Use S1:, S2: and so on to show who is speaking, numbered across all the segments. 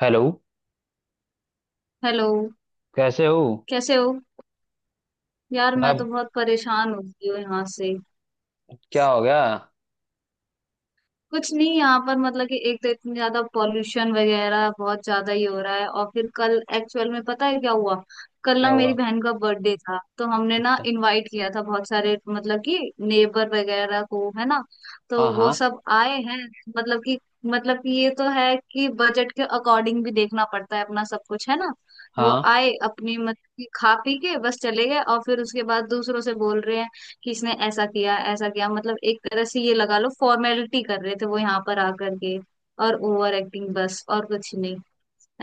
S1: Hello.
S2: Hello.
S1: कैसे हो?
S2: कैसे हो? यार, मैं तो
S1: मैं।
S2: बहुत परेशान हो गई हूँ यहाँ से।
S1: क्या हो गया?
S2: कुछ नहीं, यहाँ पर मतलब कि एक तो इतनी ज्यादा पॉल्यूशन वगैरह बहुत ज्यादा ही हो रहा है। और फिर कल एक्चुअल में पता है क्या हुआ? कल ना
S1: क्या हुआ?
S2: मेरी बहन का बर्थडे था, तो हमने ना
S1: अच्छा।
S2: इनवाइट किया था बहुत सारे मतलब कि नेबर वगैरह को, है ना। तो
S1: हाँ,
S2: वो
S1: हाँ,
S2: सब आए हैं। मतलब कि मतलब कि ये तो है कि बजट के अकॉर्डिंग भी देखना पड़ता है अपना सब कुछ, है ना। वो
S1: हाँ।
S2: आए अपनी मतलब कि खा पी के बस चले गए, और फिर उसके बाद दूसरों से बोल रहे हैं कि इसने ऐसा किया ऐसा किया। मतलब एक तरह से ये लगा लो फॉर्मेलिटी कर रहे थे वो यहाँ पर आकर के, और ओवर एक्टिंग, बस और कुछ नहीं।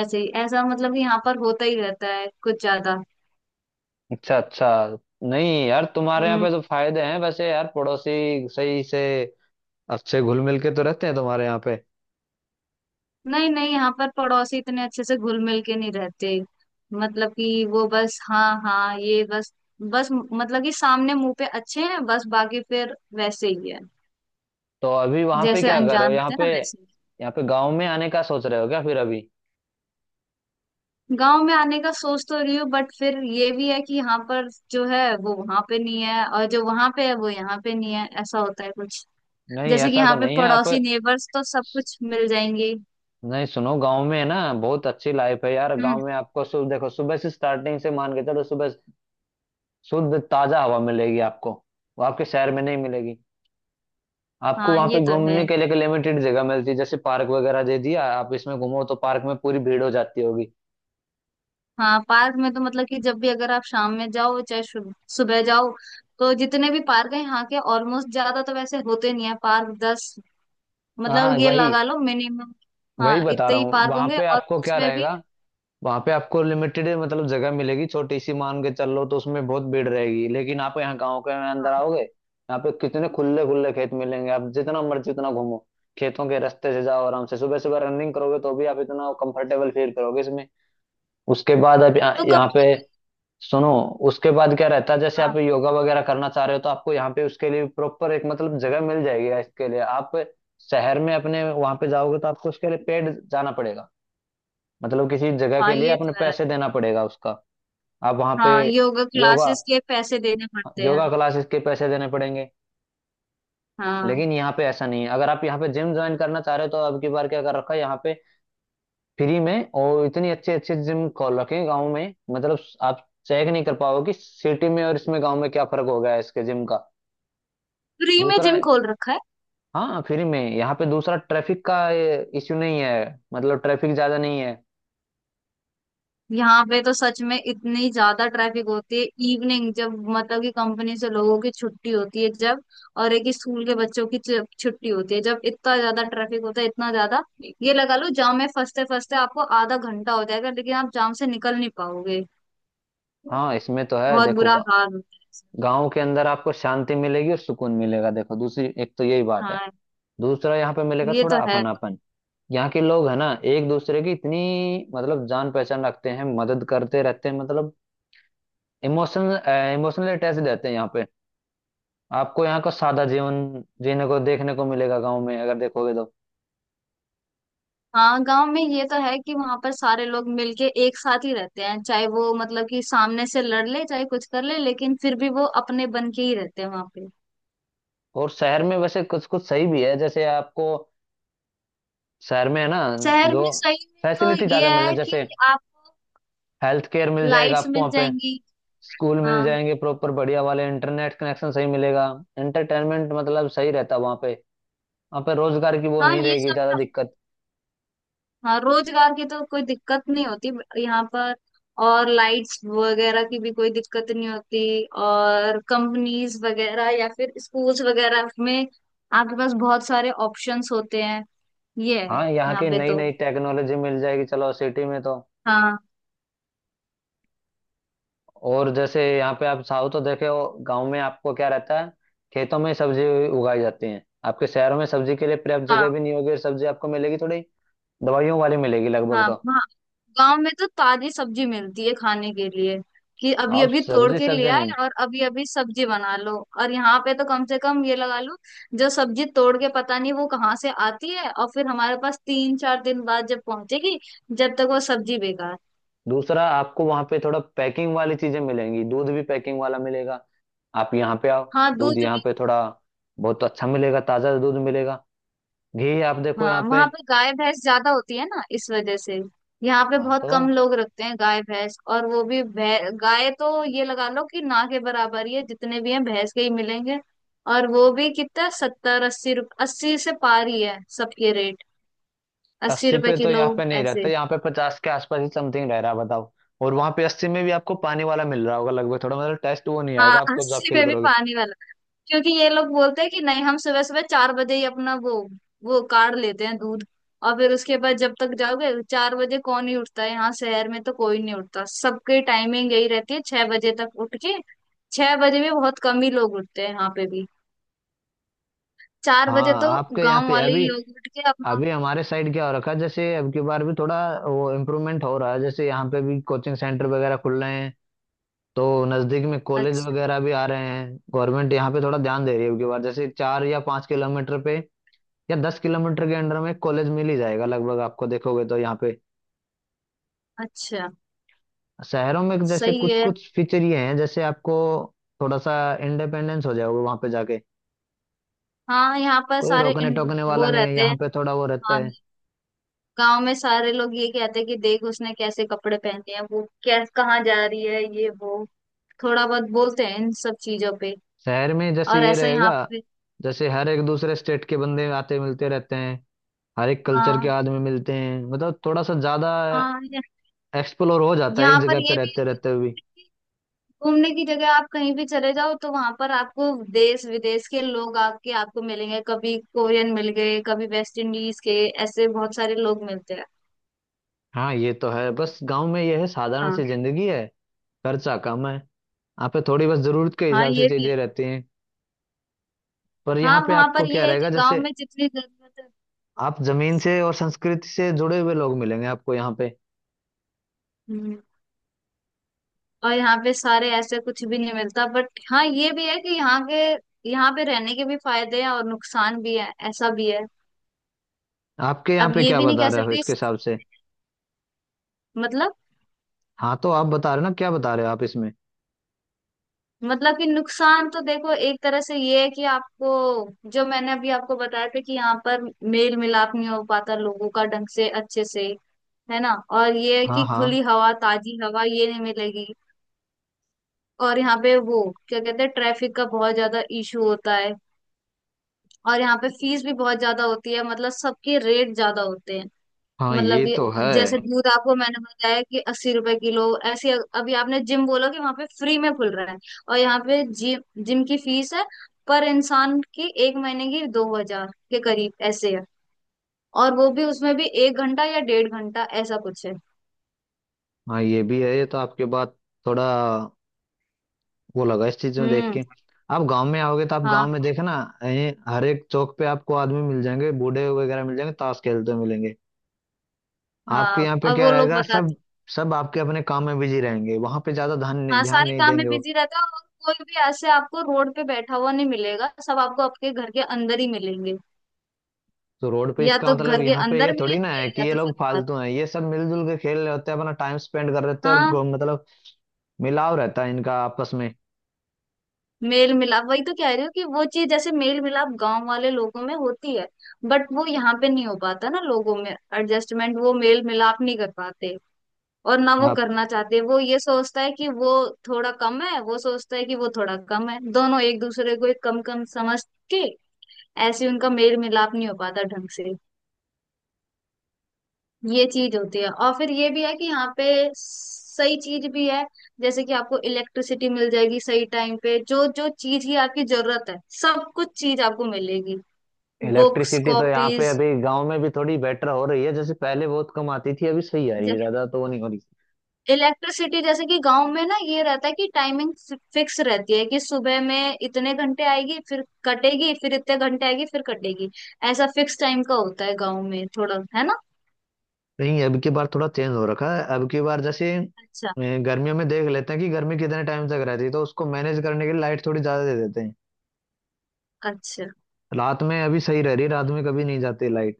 S2: ऐसे ही ऐसा मतलब कि यहाँ पर होता ही रहता है कुछ ज्यादा।
S1: अच्छा, अच्छा। नहीं यार, तुम्हारे यहाँ
S2: हम्म।
S1: पे तो फायदे हैं वैसे यार, पड़ोसी सही से अच्छे घुल मिल के तो रहते हैं तुम्हारे यहाँ पे।
S2: नहीं नहीं, यहाँ पर पड़ोसी इतने अच्छे से घुल मिल के नहीं रहते। मतलब कि वो बस हाँ हाँ ये बस, बस मतलब कि सामने मुंह पे अच्छे हैं, बस बाकी फिर वैसे ही है,
S1: तो अभी वहाँ पे
S2: जैसे
S1: क्या कर रहे
S2: अनजान
S1: हो यहाँ
S2: होते हैं ना,
S1: पे?
S2: वैसे।
S1: यहाँ पे गांव में आने का सोच रहे हो क्या फिर अभी?
S2: गांव में आने का सोच तो रही हूँ, बट फिर ये भी है कि यहाँ पर जो है वो वहां पे नहीं है, और जो वहां पे है वो यहाँ पे नहीं है, ऐसा होता है कुछ।
S1: नहीं,
S2: जैसे कि
S1: ऐसा तो
S2: यहाँ पे
S1: नहीं है आप।
S2: पड़ोसी, नेबर्स, तो सब कुछ मिल जाएंगे।
S1: नहीं सुनो, गांव में है ना, बहुत अच्छी लाइफ है यार।
S2: हम्म।
S1: गांव में आपको सुबह देखो, सुबह से स्टार्टिंग से मान के चलो, सुबह शुद्ध ताजा हवा मिलेगी आपको। वो आपके शहर में नहीं मिलेगी। आपको
S2: हाँ
S1: वहां पे
S2: ये तो है।
S1: घूमने के लिए एक लिमिटेड जगह मिलती है, जैसे पार्क वगैरह दे दिया, आप इसमें घूमो तो पार्क में पूरी भीड़ हो जाती होगी।
S2: हाँ पार्क में तो मतलब कि जब भी, अगर आप शाम में जाओ चाहे सुबह जाओ, तो जितने भी पार्क हैं यहाँ के, ऑलमोस्ट ज्यादा तो वैसे होते नहीं है पार्क, 10, मतलब
S1: हाँ
S2: ये
S1: वही।
S2: लगा लो मिनिमम।
S1: वही
S2: हाँ
S1: बता
S2: इतने
S1: रहा
S2: ही
S1: हूँ,
S2: पार्क
S1: वहां
S2: होंगे,
S1: पे
S2: और
S1: आपको क्या
S2: उसमें भी।
S1: रहेगा। वहां पे आपको लिमिटेड मतलब जगह मिलेगी छोटी सी मान के चल लो, तो उसमें बहुत भीड़ रहेगी, लेकिन आप यहाँ गाँव के अंदर
S2: हाँ
S1: आओगे यहाँ पे कितने खुले खुले खेत मिलेंगे, आप जितना मर्जी उतना घूमो। खेतों के रास्ते से जाओ आराम से, सुबह सुबह रनिंग करोगे तो भी आप इतना कंफर्टेबल फील करोगे इसमें। उसके बाद आप यहाँ
S2: तो
S1: यहाँ
S2: कभी।
S1: पे। सुनो। उसके बाद क्या रहता है, जैसे
S2: हाँ
S1: आप योगा वगैरह करना चाह रहे हो, तो आपको यहाँ पे उसके लिए प्रॉपर एक मतलब जगह मिल जाएगी इसके लिए। आप शहर में अपने वहां पे जाओगे तो आपको उसके लिए पेड जाना पड़ेगा। मतलब किसी जगह
S2: हाँ
S1: के लिए
S2: ये
S1: अपने
S2: तो है।
S1: पैसे देना पड़ेगा उसका। आप वहाँ पे।
S2: हाँ योगा
S1: योगा।
S2: क्लासेस के पैसे देने पड़ते हैं।
S1: योगा क्लासेस के पैसे देने पड़ेंगे।
S2: हाँ
S1: लेकिन यहाँ पे ऐसा नहीं है, अगर आप यहाँ पे जिम ज्वाइन करना चाह रहे हो तो अब की बार क्या कर रखा है यहाँ पे? फ्री में, और इतनी अच्छी अच्छी जिम खोल रखे हैं गाँव में मतलब। आप चेक नहीं कर पाओगे कि सिटी में और इसमें गाँव में क्या फर्क हो गया है इसके जिम का।
S2: फ्री में
S1: दूसरा।
S2: जिम खोल रखा है?
S1: हाँ फ्री में। यहाँ पे दूसरा ट्रैफिक का इश्यू नहीं है। मतलब ट्रैफिक ज्यादा नहीं है।
S2: यहाँ पे तो सच में इतनी ज्यादा ट्रैफिक होती है। इवनिंग जब मतलब कि कंपनी से लोगों की छुट्टी होती है जब, और एक स्कूल के बच्चों की छुट्टी होती है जब, इतना ज्यादा ट्रैफिक होता है, इतना ज्यादा। ये लगा लो जाम में फंसते फंसते आपको आधा घंटा हो जाएगा, लेकिन आप जाम से निकल नहीं पाओगे।
S1: हाँ इसमें तो है,
S2: बहुत
S1: देखो
S2: बुरा हाल होता है।
S1: गाँव के अंदर आपको शांति मिलेगी और सुकून मिलेगा, देखो दूसरी एक तो यही बात है।
S2: हाँ
S1: दूसरा यहाँ पे मिलेगा
S2: ये
S1: थोड़ा
S2: तो है।
S1: अपनापन। यहाँ के लोग है ना, एक दूसरे की इतनी मतलब जान पहचान रखते हैं, मदद करते रहते हैं मतलब। इमोशनल। इमोशनल अटैच रहते हैं यहाँ पे। आपको यहाँ का सादा जीवन जीने को देखने को मिलेगा गाँव में अगर देखोगे तो।
S2: हाँ गांव में ये तो है कि वहां पर सारे लोग मिलके एक साथ ही रहते हैं, चाहे वो मतलब कि सामने से लड़ ले चाहे कुछ कर ले, लेकिन फिर भी वो अपने बन के ही रहते हैं वहां पे।
S1: और शहर में वैसे कुछ कुछ सही भी है जैसे आपको। शहर में है ना,
S2: शहर
S1: जो
S2: में सही में तो
S1: फैसिलिटी
S2: ये
S1: ज्यादा मिलने,
S2: है कि
S1: जैसे
S2: आपको
S1: हेल्थ केयर मिल जाएगा
S2: लाइट्स
S1: आपको
S2: मिल
S1: वहाँ पे।
S2: जाएंगी।
S1: स्कूल मिल
S2: हाँ।
S1: जाएंगे प्रॉपर बढ़िया वाले, इंटरनेट कनेक्शन सही मिलेगा। एंटरटेनमेंट मतलब सही रहता है वहाँ पे। वहाँ पे रोजगार की वो
S2: हाँ
S1: नहीं
S2: ये
S1: रहेगी
S2: सब
S1: ज्यादा
S2: है।
S1: दिक्कत।
S2: हाँ रोजगार की तो कोई दिक्कत नहीं होती यहाँ पर। और लाइट्स वगैरह की भी कोई दिक्कत नहीं होती। और कंपनीज वगैरह या फिर स्कूल्स वगैरह में आपके पास बहुत सारे ऑप्शंस होते हैं। ये है।
S1: हाँ यहाँ
S2: यहाँ
S1: की
S2: पे
S1: नई
S2: तो,
S1: नई टेक्नोलॉजी मिल जाएगी चलो सिटी में तो।
S2: हाँ।
S1: और जैसे यहाँ पे आप साउथ तो देखे हो, गाँव में आपको क्या रहता है, खेतों में सब्जी उगाई जाती है। आपके शहरों में सब्जी के लिए पर्याप्त
S2: हाँ।
S1: जगह भी नहीं होगी, और सब्जी आपको मिलेगी थोड़ी दवाइयों वाली मिलेगी लगभग
S2: हाँ
S1: तो।
S2: वहाँ, गांव में तो ताजी सब्जी मिलती है खाने के लिए, कि अभी
S1: आप
S2: अभी तोड़
S1: सब्जी
S2: के ले
S1: सब्जी
S2: आए
S1: नहीं।
S2: और अभी अभी सब्जी बना लो। और यहाँ पे तो कम से कम ये लगा लो, जो सब्जी तोड़ के पता नहीं वो कहाँ से आती है, और फिर हमारे पास 3 4 दिन बाद जब पहुंचेगी, जब तक वो सब्जी बेकार।
S1: दूसरा, आपको वहां पे थोड़ा पैकिंग वाली चीजें मिलेंगी, दूध भी पैकिंग वाला मिलेगा। आप यहाँ पे आओ।
S2: हाँ
S1: दूध
S2: दूध।
S1: यहाँ पे थोड़ा बहुत अच्छा मिलेगा, ताजा दूध मिलेगा। घी आप देखो
S2: हाँ
S1: यहाँ पे।
S2: वहां पे गाय भैंस ज्यादा होती है ना, इस वजह से। यहाँ पे
S1: हाँ
S2: बहुत
S1: तो।
S2: कम लोग रखते हैं गाय भैंस, और वो भी गाय तो ये लगा लो कि ना के बराबर ही है, जितने भी हैं भैंस के ही मिलेंगे। और वो भी कितना 70 80 रुप 80 से पार ही है सबके रेट। 80
S1: 80
S2: रुपए
S1: पे तो
S2: किलो
S1: यहाँ पे नहीं रहता,
S2: ऐसे।
S1: यहाँ पे 50 के आसपास ही समथिंग रह रहा है, बताओ। और वहां पे 80 में भी आपको पानी वाला मिल रहा होगा लगभग, थोड़ा मतलब टेस्ट वो नहीं
S2: हाँ
S1: आएगा आपको जब
S2: 80
S1: फील
S2: में भी
S1: करोगे।
S2: पानी वाला। क्योंकि ये लोग बोलते हैं कि नहीं, हम सुबह सुबह 4 बजे ही अपना वो काढ़ लेते हैं दूध। और फिर उसके बाद जब तक जाओगे, 4 बजे कौन ही उठता है? यहाँ शहर में तो कोई नहीं उठता, सबकी टाइमिंग यही रहती है 6 बजे तक उठ के। 6 बजे भी बहुत कम ही लोग उठते हैं यहाँ पे भी। 4 बजे
S1: हाँ
S2: तो
S1: आपके यहाँ
S2: गांव
S1: पे
S2: वाले
S1: अभी।
S2: ही लोग उठ के अपना।
S1: अभी हमारे साइड क्या हो रखा है, जैसे अब की बार भी थोड़ा वो इम्प्रूवमेंट हो रहा है, जैसे यहाँ पे भी कोचिंग सेंटर वगैरह खुल रहे हैं। तो नजदीक में कॉलेज
S2: अच्छा,
S1: वगैरह भी आ रहे हैं, गवर्नमेंट यहाँ पे थोड़ा ध्यान दे रही है अब की बार, जैसे 4 या 5 किलोमीटर पे या 10 किलोमीटर के अंडर में कॉलेज मिल ही जाएगा लगभग आपको देखोगे तो यहाँ पे।
S2: अच्छा।
S1: शहरों में जैसे
S2: सही
S1: कुछ
S2: है।
S1: कुछ फीचर ये हैं, जैसे आपको थोड़ा सा इंडिपेंडेंस हो जाओगे वहां पे जाके।
S2: हाँ यहाँ पर
S1: कोई
S2: सारे
S1: रोकने
S2: इन,
S1: टोकने वाला
S2: वो
S1: नहीं है,
S2: रहते
S1: यहाँ
S2: हैं।
S1: पे थोड़ा वो रहता
S2: हाँ
S1: है।
S2: गांव में सारे लोग ये कहते हैं कि देख उसने कैसे कपड़े पहने हैं, वो कैसे कहाँ जा रही है, ये वो थोड़ा बहुत बोलते हैं इन सब चीजों पे।
S1: शहर में जैसे
S2: और
S1: ये
S2: ऐसा यहाँ
S1: रहेगा,
S2: पे।
S1: जैसे हर एक दूसरे स्टेट के बंदे आते मिलते रहते हैं, हर एक कल्चर के
S2: हाँ।
S1: आदमी मिलते हैं मतलब, थोड़ा सा ज्यादा
S2: हाँ
S1: एक्सप्लोर हो जाता है एक
S2: यहाँ पर
S1: जगह पे
S2: ये भी
S1: रहते
S2: है
S1: रहते हुए।
S2: कि घूमने की जगह आप कहीं भी चले जाओ तो वहां पर आपको देश विदेश के लोग आके आपको मिलेंगे, कभी कोरियन मिल गए कभी वेस्ट इंडीज के, ऐसे बहुत सारे लोग मिलते हैं।
S1: हाँ ये तो है, बस गांव में ये है साधारण
S2: हाँ।
S1: सी जिंदगी है। खर्चा कम है। यहाँ पे थोड़ी बस जरूरत के
S2: हाँ
S1: हिसाब से
S2: ये भी है।
S1: चीजें रहती हैं। पर यहाँ
S2: हाँ
S1: पे
S2: वहां
S1: आपको
S2: पर
S1: क्या
S2: ये है कि
S1: रहेगा,
S2: गांव
S1: जैसे
S2: में जितनी जरूरत है।
S1: आप जमीन से और संस्कृति से जुड़े हुए लोग मिलेंगे आपको यहाँ पे।
S2: हम्म। और यहाँ पे सारे ऐसे कुछ भी नहीं मिलता, बट हाँ ये भी है कि यहाँ के, यहाँ पे रहने के भी फायदे हैं और नुकसान भी है, ऐसा भी है।
S1: आपके यहाँ
S2: अब
S1: पे
S2: ये
S1: क्या
S2: भी नहीं
S1: बता
S2: कह
S1: रहे हो
S2: सकते
S1: इसके
S2: इस,
S1: हिसाब से?
S2: मतलब।
S1: हाँ तो आप बता रहे हो ना, क्या बता रहे हो आप इसमें?
S2: मतलब कि नुकसान तो देखो एक तरह से ये है कि आपको, जो मैंने अभी आपको बताया था कि यहाँ पर मेल मिलाप नहीं हो पाता लोगों का ढंग से अच्छे से, है ना। और ये है
S1: हाँ,
S2: कि
S1: हाँ।
S2: खुली हवा, ताजी हवा ये नहीं मिलेगी। और यहाँ पे वो क्या कहते हैं, ट्रैफिक का बहुत ज्यादा इशू होता है। और यहाँ पे फीस भी बहुत ज्यादा होती है, मतलब सबके रेट ज्यादा होते हैं।
S1: हाँ
S2: मतलब
S1: ये
S2: कि
S1: तो है।
S2: जैसे दूध आपको मैंने बताया कि 80 रुपए किलो ऐसे। अभी आपने जिम बोला कि वहां पे फ्री में खुल रहा है, और यहाँ पे जिम जिम की फीस है पर इंसान की 1 महीने की 2,000 के करीब ऐसे है। और वो भी उसमें भी 1 घंटा या 1.5 घंटा ऐसा कुछ है।
S1: हाँ ये भी है, ये तो आपके बात थोड़ा वो लगा इस चीज में देख
S2: हम्म।
S1: के। आप गांव में आओगे तो आप गांव
S2: हाँ।
S1: में देखे ना, ये हर एक चौक पे आपको आदमी मिल जाएंगे, बूढ़े वगैरह मिल जाएंगे ताश खेलते हुए मिलेंगे। आपके
S2: हाँ
S1: यहाँ पे
S2: और
S1: क्या
S2: वो लोग
S1: रहेगा सब?
S2: बताते,
S1: सब आपके अपने काम में बिजी रहेंगे, वहां पे ज्यादा ध्यान
S2: हाँ
S1: ध्यान
S2: सारे
S1: नहीं
S2: काम में
S1: देंगे वो।
S2: बिजी रहता है और कोई भी ऐसे आपको रोड पे बैठा हुआ नहीं मिलेगा, सब आपको आपके घर के अंदर ही मिलेंगे,
S1: तो रोड पे
S2: या
S1: इसका
S2: तो
S1: मतलब
S2: घर के
S1: यहाँ पे ये
S2: अंदर
S1: थोड़ी ना है
S2: मिलेंगे
S1: कि
S2: या
S1: ये
S2: तो
S1: लोग
S2: फिर बाहर।
S1: फालतू हैं, ये सब मिलजुल के खेल रहे होते हैं अपना टाइम स्पेंड कर रहे होते हैं, और
S2: हाँ,
S1: मतलब मिलाव रहता है इनका आपस में।
S2: मेल मिलाप वही तो कह रही हूँ कि वो चीज जैसे मेल मिलाप गांव वाले लोगों में होती है, बट वो यहाँ पे नहीं हो पाता ना, लोगों में एडजस्टमेंट वो मेल मिलाप नहीं कर पाते। और ना वो
S1: आप।
S2: करना चाहते, वो ये सोचता है कि वो थोड़ा कम है, वो सोचता है कि वो थोड़ा कम है, दोनों एक दूसरे को एक कम कम समझ के ऐसे उनका मेल मिलाप नहीं हो पाता ढंग से। ये चीज होती है। और फिर ये भी है कि यहाँ पे सही चीज भी है, जैसे कि आपको इलेक्ट्रिसिटी मिल जाएगी सही टाइम पे, जो जो चीज की आपकी जरूरत है, सब कुछ चीज आपको मिलेगी। बुक्स,
S1: इलेक्ट्रिसिटी तो यहाँ पे
S2: कॉपीज,
S1: अभी गांव में भी थोड़ी बेटर हो रही है, जैसे पहले बहुत कम आती थी, अभी सही आ रही है, ज्यादा तो वो नहीं हो रही।
S2: इलेक्ट्रिसिटी। जैसे कि गांव में ना ये रहता है कि टाइमिंग फिक्स रहती है, कि सुबह में इतने घंटे आएगी फिर कटेगी, फिर इतने घंटे आएगी फिर कटेगी, ऐसा फिक्स टाइम का होता है गांव में थोड़ा, है ना।
S1: नहीं अब की बार थोड़ा चेंज हो रखा है, अब की बार जैसे
S2: अच्छा।
S1: गर्मियों में देख लेते हैं कि गर्मी कितने टाइम तक रहती है, तो उसको मैनेज करने के लिए लाइट थोड़ी ज्यादा दे देते हैं।
S2: अच्छा।
S1: रात में अभी सही रह रही, रात में कभी नहीं जाती लाइट।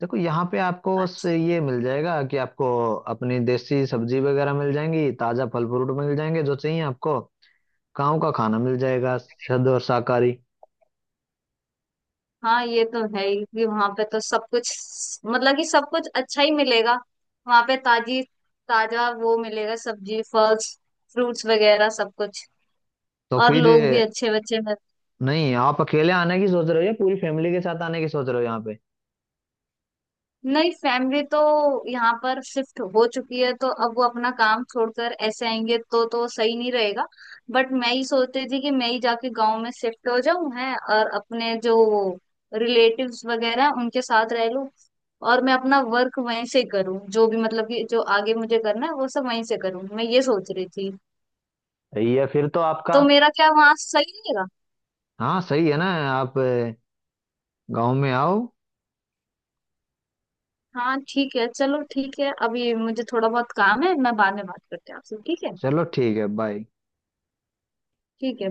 S1: देखो यहाँ पे आपको बस
S2: अच्छा।
S1: ये मिल जाएगा कि आपको अपनी देसी सब्जी वगैरह मिल जाएंगी, ताजा फल फ्रूट मिल जाएंगे जो चाहिए आपको। गाँव का खाना मिल जाएगा शुद्ध और शाकाहारी।
S2: हाँ ये तो है ही कि वहां पे तो सब कुछ मतलब कि सब कुछ अच्छा ही मिलेगा। वहां पे ताजी, ताजा वो मिलेगा, सब्जी फल फ्रूट्स वगैरह सब कुछ।
S1: तो
S2: और
S1: फिर?
S2: लोग भी अच्छे, बच्चे।
S1: नहीं, आप अकेले आने की सोच रहे हो या पूरी फैमिली के साथ आने की सोच रहे हो यहाँ पे?
S2: नहीं फैमिली तो यहाँ पर शिफ्ट हो चुकी है, तो अब वो अपना काम छोड़कर ऐसे आएंगे तो सही नहीं रहेगा। बट मैं ही सोचती थी कि मैं ही जाके गांव में शिफ्ट हो जाऊं है, और अपने जो रिलेटिव्स वगैरह हैं, उनके साथ रह लूं। और मैं अपना वर्क वहीं से करूं, जो भी मतलब कि जो आगे मुझे करना है वो सब वहीं से करूं, मैं ये सोच रही थी।
S1: या फिर तो आपका।
S2: तो मेरा क्या वहां सही रहेगा?
S1: हाँ सही है ना। आप गाँव में आओ।
S2: हाँ ठीक है, चलो ठीक है। अभी मुझे थोड़ा बहुत काम है, मैं बाद में बात करती हूँ आपसे, ठीक है।
S1: चलो ठीक है, बाय।
S2: ठीक है।